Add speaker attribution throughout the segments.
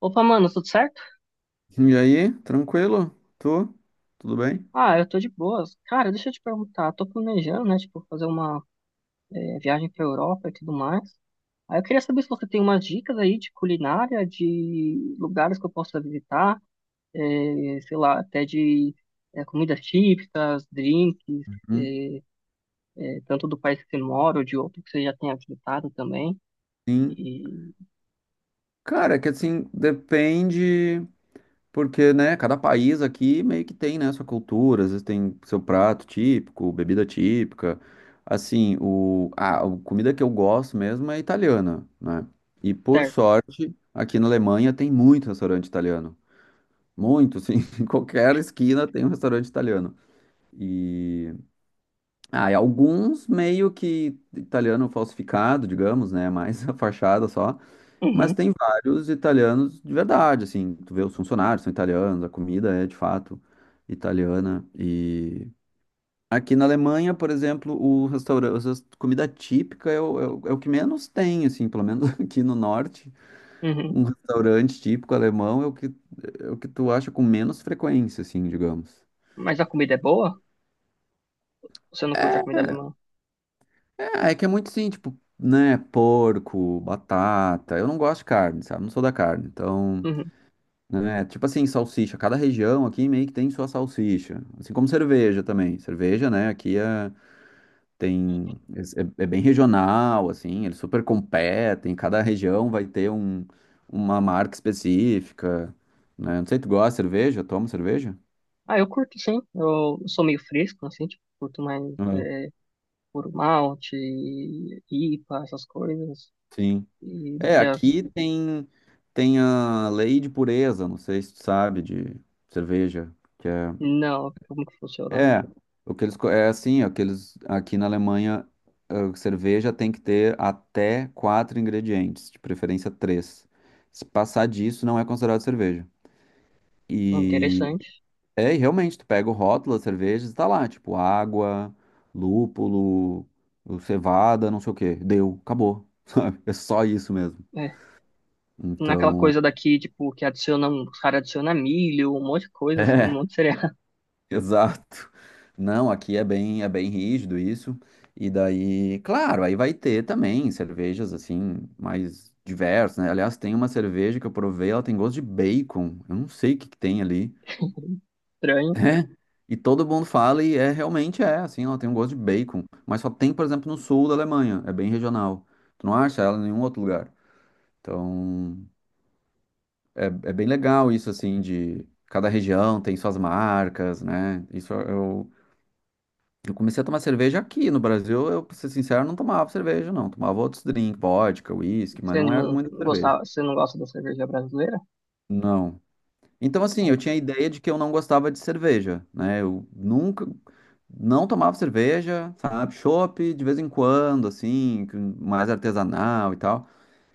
Speaker 1: Opa, mano, tudo certo?
Speaker 2: E aí, tranquilo? Tu? Tudo bem?
Speaker 1: Ah, eu tô de boas. Cara, deixa eu te perguntar, tô planejando, né, tipo, fazer uma viagem pra Europa e tudo mais. Aí eu queria saber se você tem umas dicas aí de culinária, de lugares que eu possa visitar, sei lá, até de comidas típicas, drinks,
Speaker 2: Uhum.
Speaker 1: tanto do país que você mora ou de outro que você já tenha visitado também.
Speaker 2: Sim.
Speaker 1: E,
Speaker 2: Cara, é que assim, depende, porque, né, cada país aqui meio que tem, né, sua cultura, às vezes tem seu prato típico, bebida típica. Assim, a comida que eu gosto mesmo é italiana, né? E por
Speaker 1: certo.
Speaker 2: sorte, aqui na Alemanha tem muito restaurante italiano. Muito, assim, em qualquer esquina tem um restaurante italiano. E e alguns meio que italiano falsificado, digamos, né? Mais a fachada só. Mas
Speaker 1: Uhum,
Speaker 2: tem vários italianos de verdade, assim. Tu vê os funcionários são italianos, a comida é de fato italiana. E aqui na Alemanha, por exemplo, o restaurante, a comida típica é o que menos tem, assim, pelo menos aqui no norte.
Speaker 1: uhum.
Speaker 2: Um restaurante típico alemão é o que tu acha com menos frequência, assim, digamos.
Speaker 1: Mas a comida é boa? Você não curte a comida alemã?
Speaker 2: É, é que é muito sim, tipo, né, porco, batata. Eu não gosto de carne, sabe? Não sou da carne. Então,
Speaker 1: Uhum.
Speaker 2: né, tipo assim, salsicha. Cada região aqui meio que tem sua salsicha. Assim como cerveja também. Cerveja, né, aqui é, tem, é, é é bem regional, assim, eles super competem. Cada região vai ter um, uma marca específica, né? Não sei, tu gosta de cerveja? Toma cerveja?
Speaker 1: Ah, eu curto sim. Eu sou meio fresco, assim, tipo, curto mais
Speaker 2: Não.
Speaker 1: puro malte, IPA, essas coisas,
Speaker 2: Sim.
Speaker 1: e do
Speaker 2: É,
Speaker 1: que as...
Speaker 2: aqui tem a lei de pureza, não sei se tu sabe, de cerveja,
Speaker 1: Não, como que funciona?
Speaker 2: é, o que eles, é assim, ó, que eles, aqui na Alemanha, a cerveja tem que ter até quatro ingredientes, de preferência três. Se passar disso, não é considerado cerveja. E,
Speaker 1: Interessante.
Speaker 2: e realmente, tu pega o rótulo das cervejas, tá lá, tipo, água, lúpulo, cevada, não sei o quê, deu, acabou, sabe? É só isso mesmo.
Speaker 1: É. Naquela
Speaker 2: Então...
Speaker 1: coisa daqui, tipo, que adiciona, os caras adicionam milho, um monte de coisa, assim, um monte de cereal
Speaker 2: Exato. Não, aqui é bem rígido isso. E daí, claro, aí vai ter também cervejas assim mais diversas, né? Aliás, tem uma cerveja que eu provei, ela tem gosto de bacon. Eu não sei o que que tem ali.
Speaker 1: estranho.
Speaker 2: É. E todo mundo fala e realmente é, assim, ela tem um gosto de bacon, mas só tem, por exemplo, no sul da Alemanha, é bem regional. Tu não acha ela em nenhum outro lugar. Então, é bem legal isso assim de cada região tem suas marcas, né? Eu comecei a tomar cerveja aqui no Brasil. Eu, pra ser sincero, não tomava cerveja, não. Tomava outros drinks, vodka, uísque, mas
Speaker 1: Você
Speaker 2: não era
Speaker 1: não
Speaker 2: muito cerveja.
Speaker 1: gostava, você não gosta da cerveja brasileira?
Speaker 2: Não. Então, assim, eu
Speaker 1: É,
Speaker 2: tinha a ideia de que eu não gostava de cerveja, né? Eu nunca, Não tomava cerveja, sabe? Chopp de vez em quando, assim, mais artesanal e tal.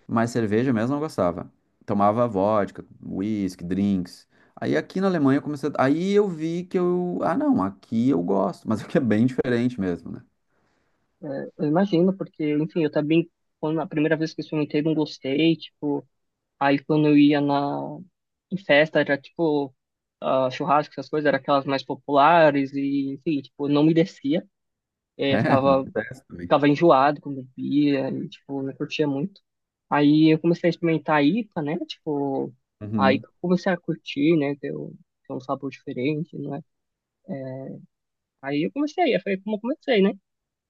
Speaker 2: Mas cerveja mesmo não gostava. Tomava vodka, whisky, drinks. Aí aqui na Alemanha eu comecei. A- Aí eu vi que eu. Ah, não, aqui eu gosto, mas aqui é bem diferente mesmo, né?
Speaker 1: eu imagino, porque, enfim, eu também, quando a primeira vez que experimentei, não gostei, tipo, aí quando eu ia na em festa, era tipo ah, churrasco, essas coisas, era aquelas mais populares e, enfim, tipo, não me descia.
Speaker 2: É, não.
Speaker 1: Ficava,
Speaker 2: Acontece.
Speaker 1: ficava enjoado quando bebia e, tipo, não curtia muito. Aí eu comecei a experimentar a IPA, né? Tipo, aí
Speaker 2: Uhum.
Speaker 1: que eu comecei a curtir, né? Ter um sabor diferente, não é? Aí eu comecei, aí foi como eu comecei, né?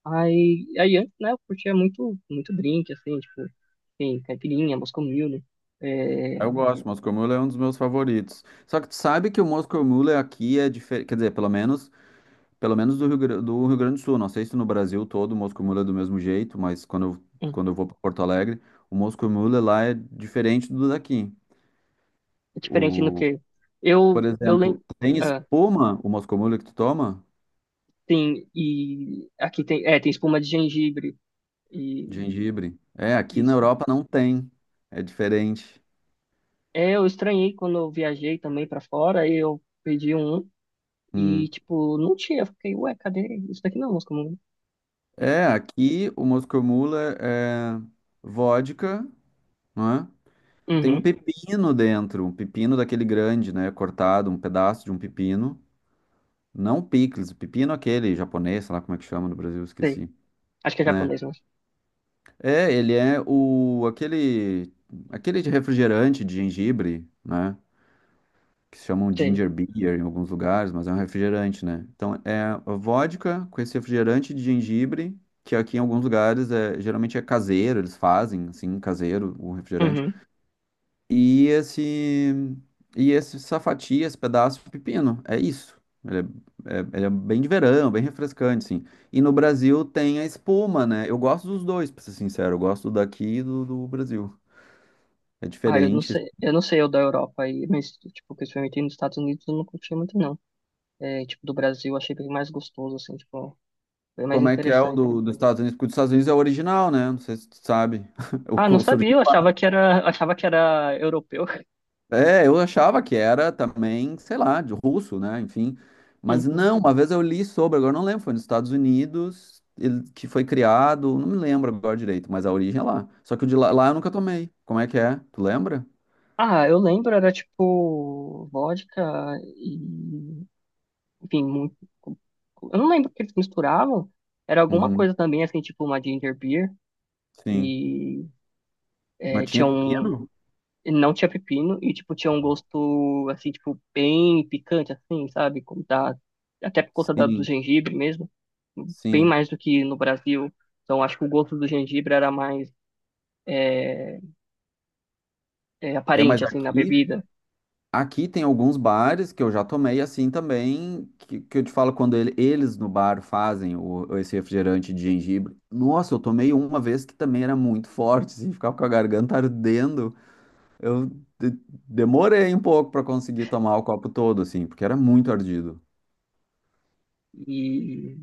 Speaker 1: Aí, aí antes, né, eu curtia muito, muito drink, assim, tipo, assim, caipirinha, Moscow Mule,
Speaker 2: Eu
Speaker 1: né?
Speaker 2: gosto, Moscow Mule é um dos meus favoritos. Só que tu sabe que o Moscow Mule aqui é diferente, quer dizer, pelo menos do Rio Grande do Sul. Não sei se no Brasil todo o Moscow Mule é do mesmo jeito, mas quando eu vou para Porto Alegre, o Moscow Mule lá é diferente do daqui.
Speaker 1: É diferente no
Speaker 2: O,
Speaker 1: que eu
Speaker 2: por
Speaker 1: eu lembro,
Speaker 2: exemplo, tem
Speaker 1: ah,
Speaker 2: espuma o Moscow Mule que tu toma?
Speaker 1: tem e aqui tem, é, tem espuma de gengibre
Speaker 2: De
Speaker 1: e
Speaker 2: gengibre. É, aqui na
Speaker 1: isso.
Speaker 2: Europa não tem. É diferente.
Speaker 1: É, eu estranhei quando eu viajei também pra fora, aí eu pedi um e
Speaker 2: Hum.
Speaker 1: tipo, não tinha, eu fiquei, ué, cadê? Isso daqui não é música comum.
Speaker 2: É, aqui o Moscow Mule é vodka, né? Tem um
Speaker 1: Uhum,
Speaker 2: pepino dentro, um pepino daquele grande, né? Cortado, um pedaço de um pepino. Não picles, o pepino é aquele japonês, sei lá como é que chama no Brasil,
Speaker 1: sei.
Speaker 2: esqueci,
Speaker 1: Acho que é
Speaker 2: né?
Speaker 1: japonês, mas
Speaker 2: É, ele é o aquele aquele de refrigerante de gengibre, né? Que se chamam
Speaker 1: sei.
Speaker 2: ginger beer em alguns lugares, mas é um refrigerante, né? Então é a vodka com esse refrigerante de gengibre, que aqui em alguns lugares é geralmente caseiro, eles fazem assim caseiro o refrigerante.
Speaker 1: Uhum.
Speaker 2: e esse e esse safati, esse pedaço de pepino. É isso. Ele ele é bem de verão, bem refrescante, sim. E no Brasil tem a espuma, né? Eu gosto dos dois, pra ser sincero. Eu gosto daqui e do Brasil. É
Speaker 1: Ah,
Speaker 2: diferente.
Speaker 1: eu não sei o da Europa aí, mas tipo, o que eu experimentei nos Estados Unidos eu não curti muito não. É, tipo, do Brasil eu achei bem mais gostoso assim, tipo, bem mais
Speaker 2: Como é que é
Speaker 1: interessante.
Speaker 2: dos Estados Unidos? Porque o dos Estados Unidos é o original, né? Não sei se tu sabe. O
Speaker 1: Ah, não
Speaker 2: co-
Speaker 1: sabia, eu achava que era europeu.
Speaker 2: É, eu achava que era também, sei lá, de russo, né? Enfim. Mas
Speaker 1: Uhum.
Speaker 2: não, uma vez eu li sobre, agora não lembro, foi nos Estados Unidos, ele, que foi criado, não me lembro agora direito, mas a origem é lá. Só que lá eu nunca tomei. Como é que é? Tu lembra?
Speaker 1: Ah, eu lembro, era tipo vodka e, enfim, muito, eu não lembro o que eles misturavam. Era alguma
Speaker 2: Uhum,
Speaker 1: coisa também, assim, tipo uma ginger beer
Speaker 2: sim.
Speaker 1: e
Speaker 2: Mas
Speaker 1: é,
Speaker 2: tinha
Speaker 1: tinha um,
Speaker 2: pepino?
Speaker 1: não tinha pepino e, tipo, tinha um gosto, assim, tipo, bem picante, assim, sabe? Como da, até por conta da, do
Speaker 2: Sim,
Speaker 1: gengibre mesmo, bem
Speaker 2: sim.
Speaker 1: mais do que no Brasil. Então, acho que o gosto do gengibre era mais é,
Speaker 2: É, mas
Speaker 1: aparente, assim, na
Speaker 2: aqui.
Speaker 1: bebida.
Speaker 2: Aqui tem alguns bares que eu já tomei assim também, que eu te falo eles no bar fazem o, esse refrigerante de gengibre. Nossa, eu tomei uma vez que também era muito forte, assim, ficava com a garganta ardendo. Eu de- Demorei um pouco para conseguir tomar o copo todo, assim, porque era muito ardido.
Speaker 1: E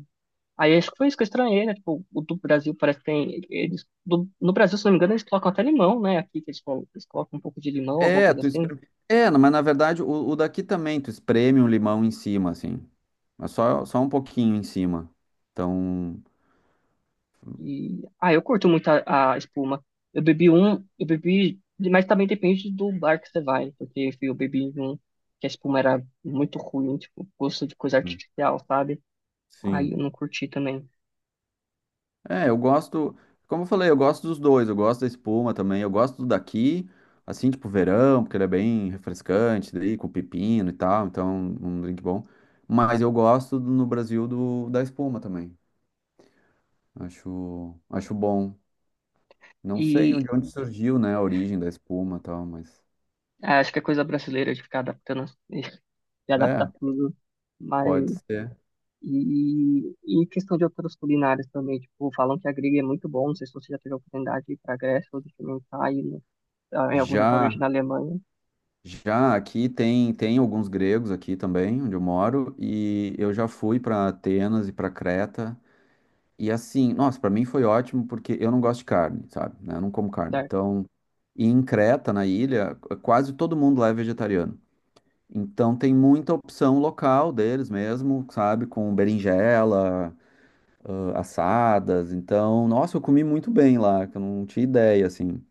Speaker 1: aí acho que foi isso que eu estranhei, né? Tipo, o do Brasil parece que tem. Eles, no Brasil, se não me engano, eles colocam até limão, né? Aqui que eles, eles colocam um pouco de limão, alguma
Speaker 2: É,
Speaker 1: coisa
Speaker 2: tu
Speaker 1: assim.
Speaker 2: espreme... É, não, mas na verdade o daqui também, tu espreme um limão em cima, assim, mas só um pouquinho em cima. Então,
Speaker 1: E ah, eu curto muito a espuma. Eu bebi um, eu bebi, mas também depende do bar que você vai, porque enfim, eu bebi em um que a espuma era muito ruim, tipo, gosto de coisa
Speaker 2: hum,
Speaker 1: artificial, sabe? Aí
Speaker 2: sim.
Speaker 1: eu não curti também.
Speaker 2: É, eu gosto, como eu falei, eu gosto dos dois, eu gosto da espuma também, eu gosto do daqui, assim, tipo verão, porque ele é bem refrescante, daí com pepino e tal, então um drink bom. Mas eu gosto no Brasil da espuma também. Acho bom. Não sei
Speaker 1: E
Speaker 2: onde surgiu, né, a origem da espuma e tal, mas
Speaker 1: ah, acho que é coisa brasileira de ficar adaptando, de adaptar
Speaker 2: é,
Speaker 1: tudo.
Speaker 2: pode
Speaker 1: Mas
Speaker 2: ser.
Speaker 1: e questão de outras culinárias também, tipo, falam que a grega é muito bom, não sei se você já teve a oportunidade de ir pra Grécia ou de experimentar aí ah, em algum
Speaker 2: Já,
Speaker 1: restaurante na Alemanha,
Speaker 2: já aqui tem alguns gregos aqui também, onde eu moro, e eu já fui para Atenas e para Creta. E assim, nossa, pra mim foi ótimo porque eu não gosto de carne, sabe? Né? Eu não como carne.
Speaker 1: certo?
Speaker 2: Então, e em Creta, na ilha, quase todo mundo lá é vegetariano. Então tem muita opção local deles mesmo, sabe? Com berinjela, ah, assadas. Então, nossa, eu comi muito bem lá, que eu não tinha ideia, assim.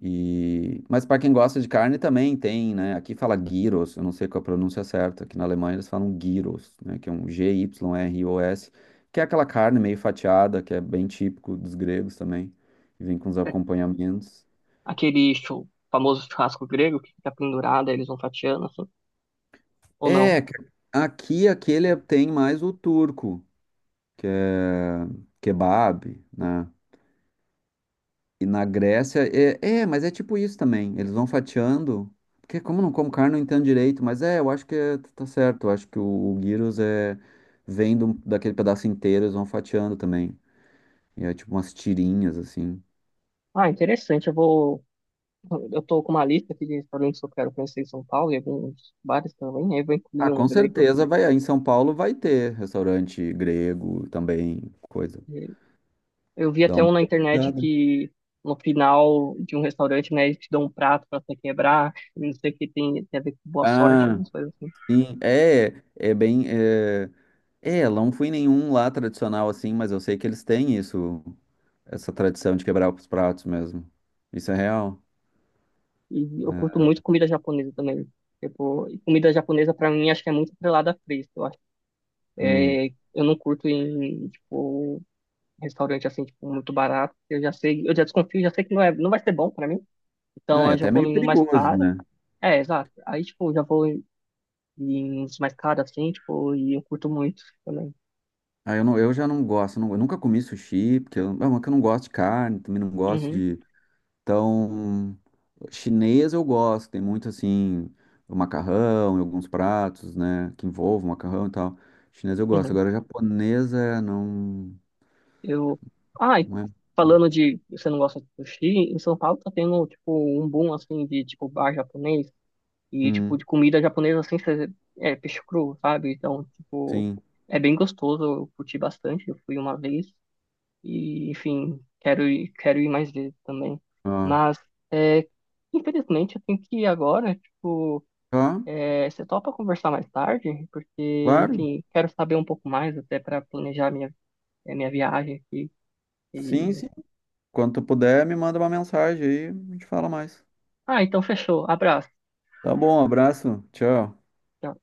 Speaker 2: E... Mas para quem gosta de carne também tem, né? Aqui fala gyros, eu não sei qual é a pronúncia certa. Aqui na Alemanha eles falam gyros, né? Que é um G-Y-R-O-S, que é aquela carne meio fatiada, que é bem típico dos gregos também. E vem com os
Speaker 1: É
Speaker 2: acompanhamentos.
Speaker 1: aquele famoso churrasco grego que fica pendurado, aí eles vão fatiando, assim, ou não?
Speaker 2: É, aqui tem mais o turco, que é kebab, né? E na Grécia, mas é tipo isso também. Eles vão fatiando. Porque como eu não como carne, não entendo direito. Mas é, eu acho tá certo. Eu acho que o gyros é, daquele pedaço inteiro, eles vão fatiando também. E é tipo umas tirinhas, assim.
Speaker 1: Ah, interessante, eu vou... Eu tô com uma lista aqui de restaurantes que eu quero conhecer em São Paulo e alguns bares também, aí eu vou
Speaker 2: Ah,
Speaker 1: incluir um
Speaker 2: com
Speaker 1: grego.
Speaker 2: certeza vai. Aí em São Paulo vai ter restaurante grego também, coisa.
Speaker 1: Eu vi
Speaker 2: Dá
Speaker 1: até
Speaker 2: uma
Speaker 1: um na internet
Speaker 2: pesquisada.
Speaker 1: que no final de um restaurante, né, eles te dão um prato pra você quebrar, e não sei o que tem, tem a ver com boa sorte,
Speaker 2: Ah,
Speaker 1: algumas coisas assim.
Speaker 2: sim. Não fui em nenhum lá tradicional assim, mas eu sei que eles têm isso. Essa tradição de quebrar os pratos mesmo. Isso é real.
Speaker 1: E eu curto
Speaker 2: É.
Speaker 1: muito comida japonesa também. Tipo, e comida japonesa pra mim acho que é muito atrelada a preço, eu acho.
Speaker 2: Hum.
Speaker 1: É, eu não curto em, tipo, restaurante assim, tipo, muito barato. Eu já sei, eu já desconfio, já sei que não é, não vai ser bom pra mim.
Speaker 2: Não,
Speaker 1: Então
Speaker 2: e
Speaker 1: eu já
Speaker 2: até
Speaker 1: vou
Speaker 2: meio
Speaker 1: em um mais
Speaker 2: perigoso,
Speaker 1: caro.
Speaker 2: né?
Speaker 1: É, exato. Aí, tipo, eu já vou em, em uns mais caros assim, tipo, e eu curto muito também.
Speaker 2: Eu já não gosto, eu nunca comi sushi, porque eu, não, é que eu não gosto de carne, também não gosto
Speaker 1: Uhum,
Speaker 2: de. Então, chinês eu gosto, tem muito assim, o macarrão e alguns pratos, né, que envolvem macarrão e tal. Chinês eu gosto,
Speaker 1: uhum.
Speaker 2: agora japonesa não,
Speaker 1: Eu. Ah, e
Speaker 2: não é.
Speaker 1: falando de você não gosta de sushi, em São Paulo tá tendo, tipo, um boom, assim, de, tipo, bar japonês e,
Speaker 2: Hum,
Speaker 1: tipo, de comida japonesa, assim, cê- é peixe cru, sabe? Então, tipo,
Speaker 2: sim.
Speaker 1: é bem gostoso, eu curti bastante, eu fui uma vez e, enfim, quero ir mais vezes também.
Speaker 2: Ah,
Speaker 1: Mas, é, infelizmente, eu tenho que ir agora, tipo,
Speaker 2: tá,
Speaker 1: é, você topa conversar mais tarde? Porque,
Speaker 2: claro.
Speaker 1: enfim, quero saber um pouco mais até para planejar minha, é, minha viagem aqui
Speaker 2: Sim,
Speaker 1: e
Speaker 2: sim. Quando tu puder, me manda uma mensagem aí, a gente fala mais.
Speaker 1: ah, então fechou. Abraço.
Speaker 2: Tá bom, abraço. Tchau.
Speaker 1: Tchau.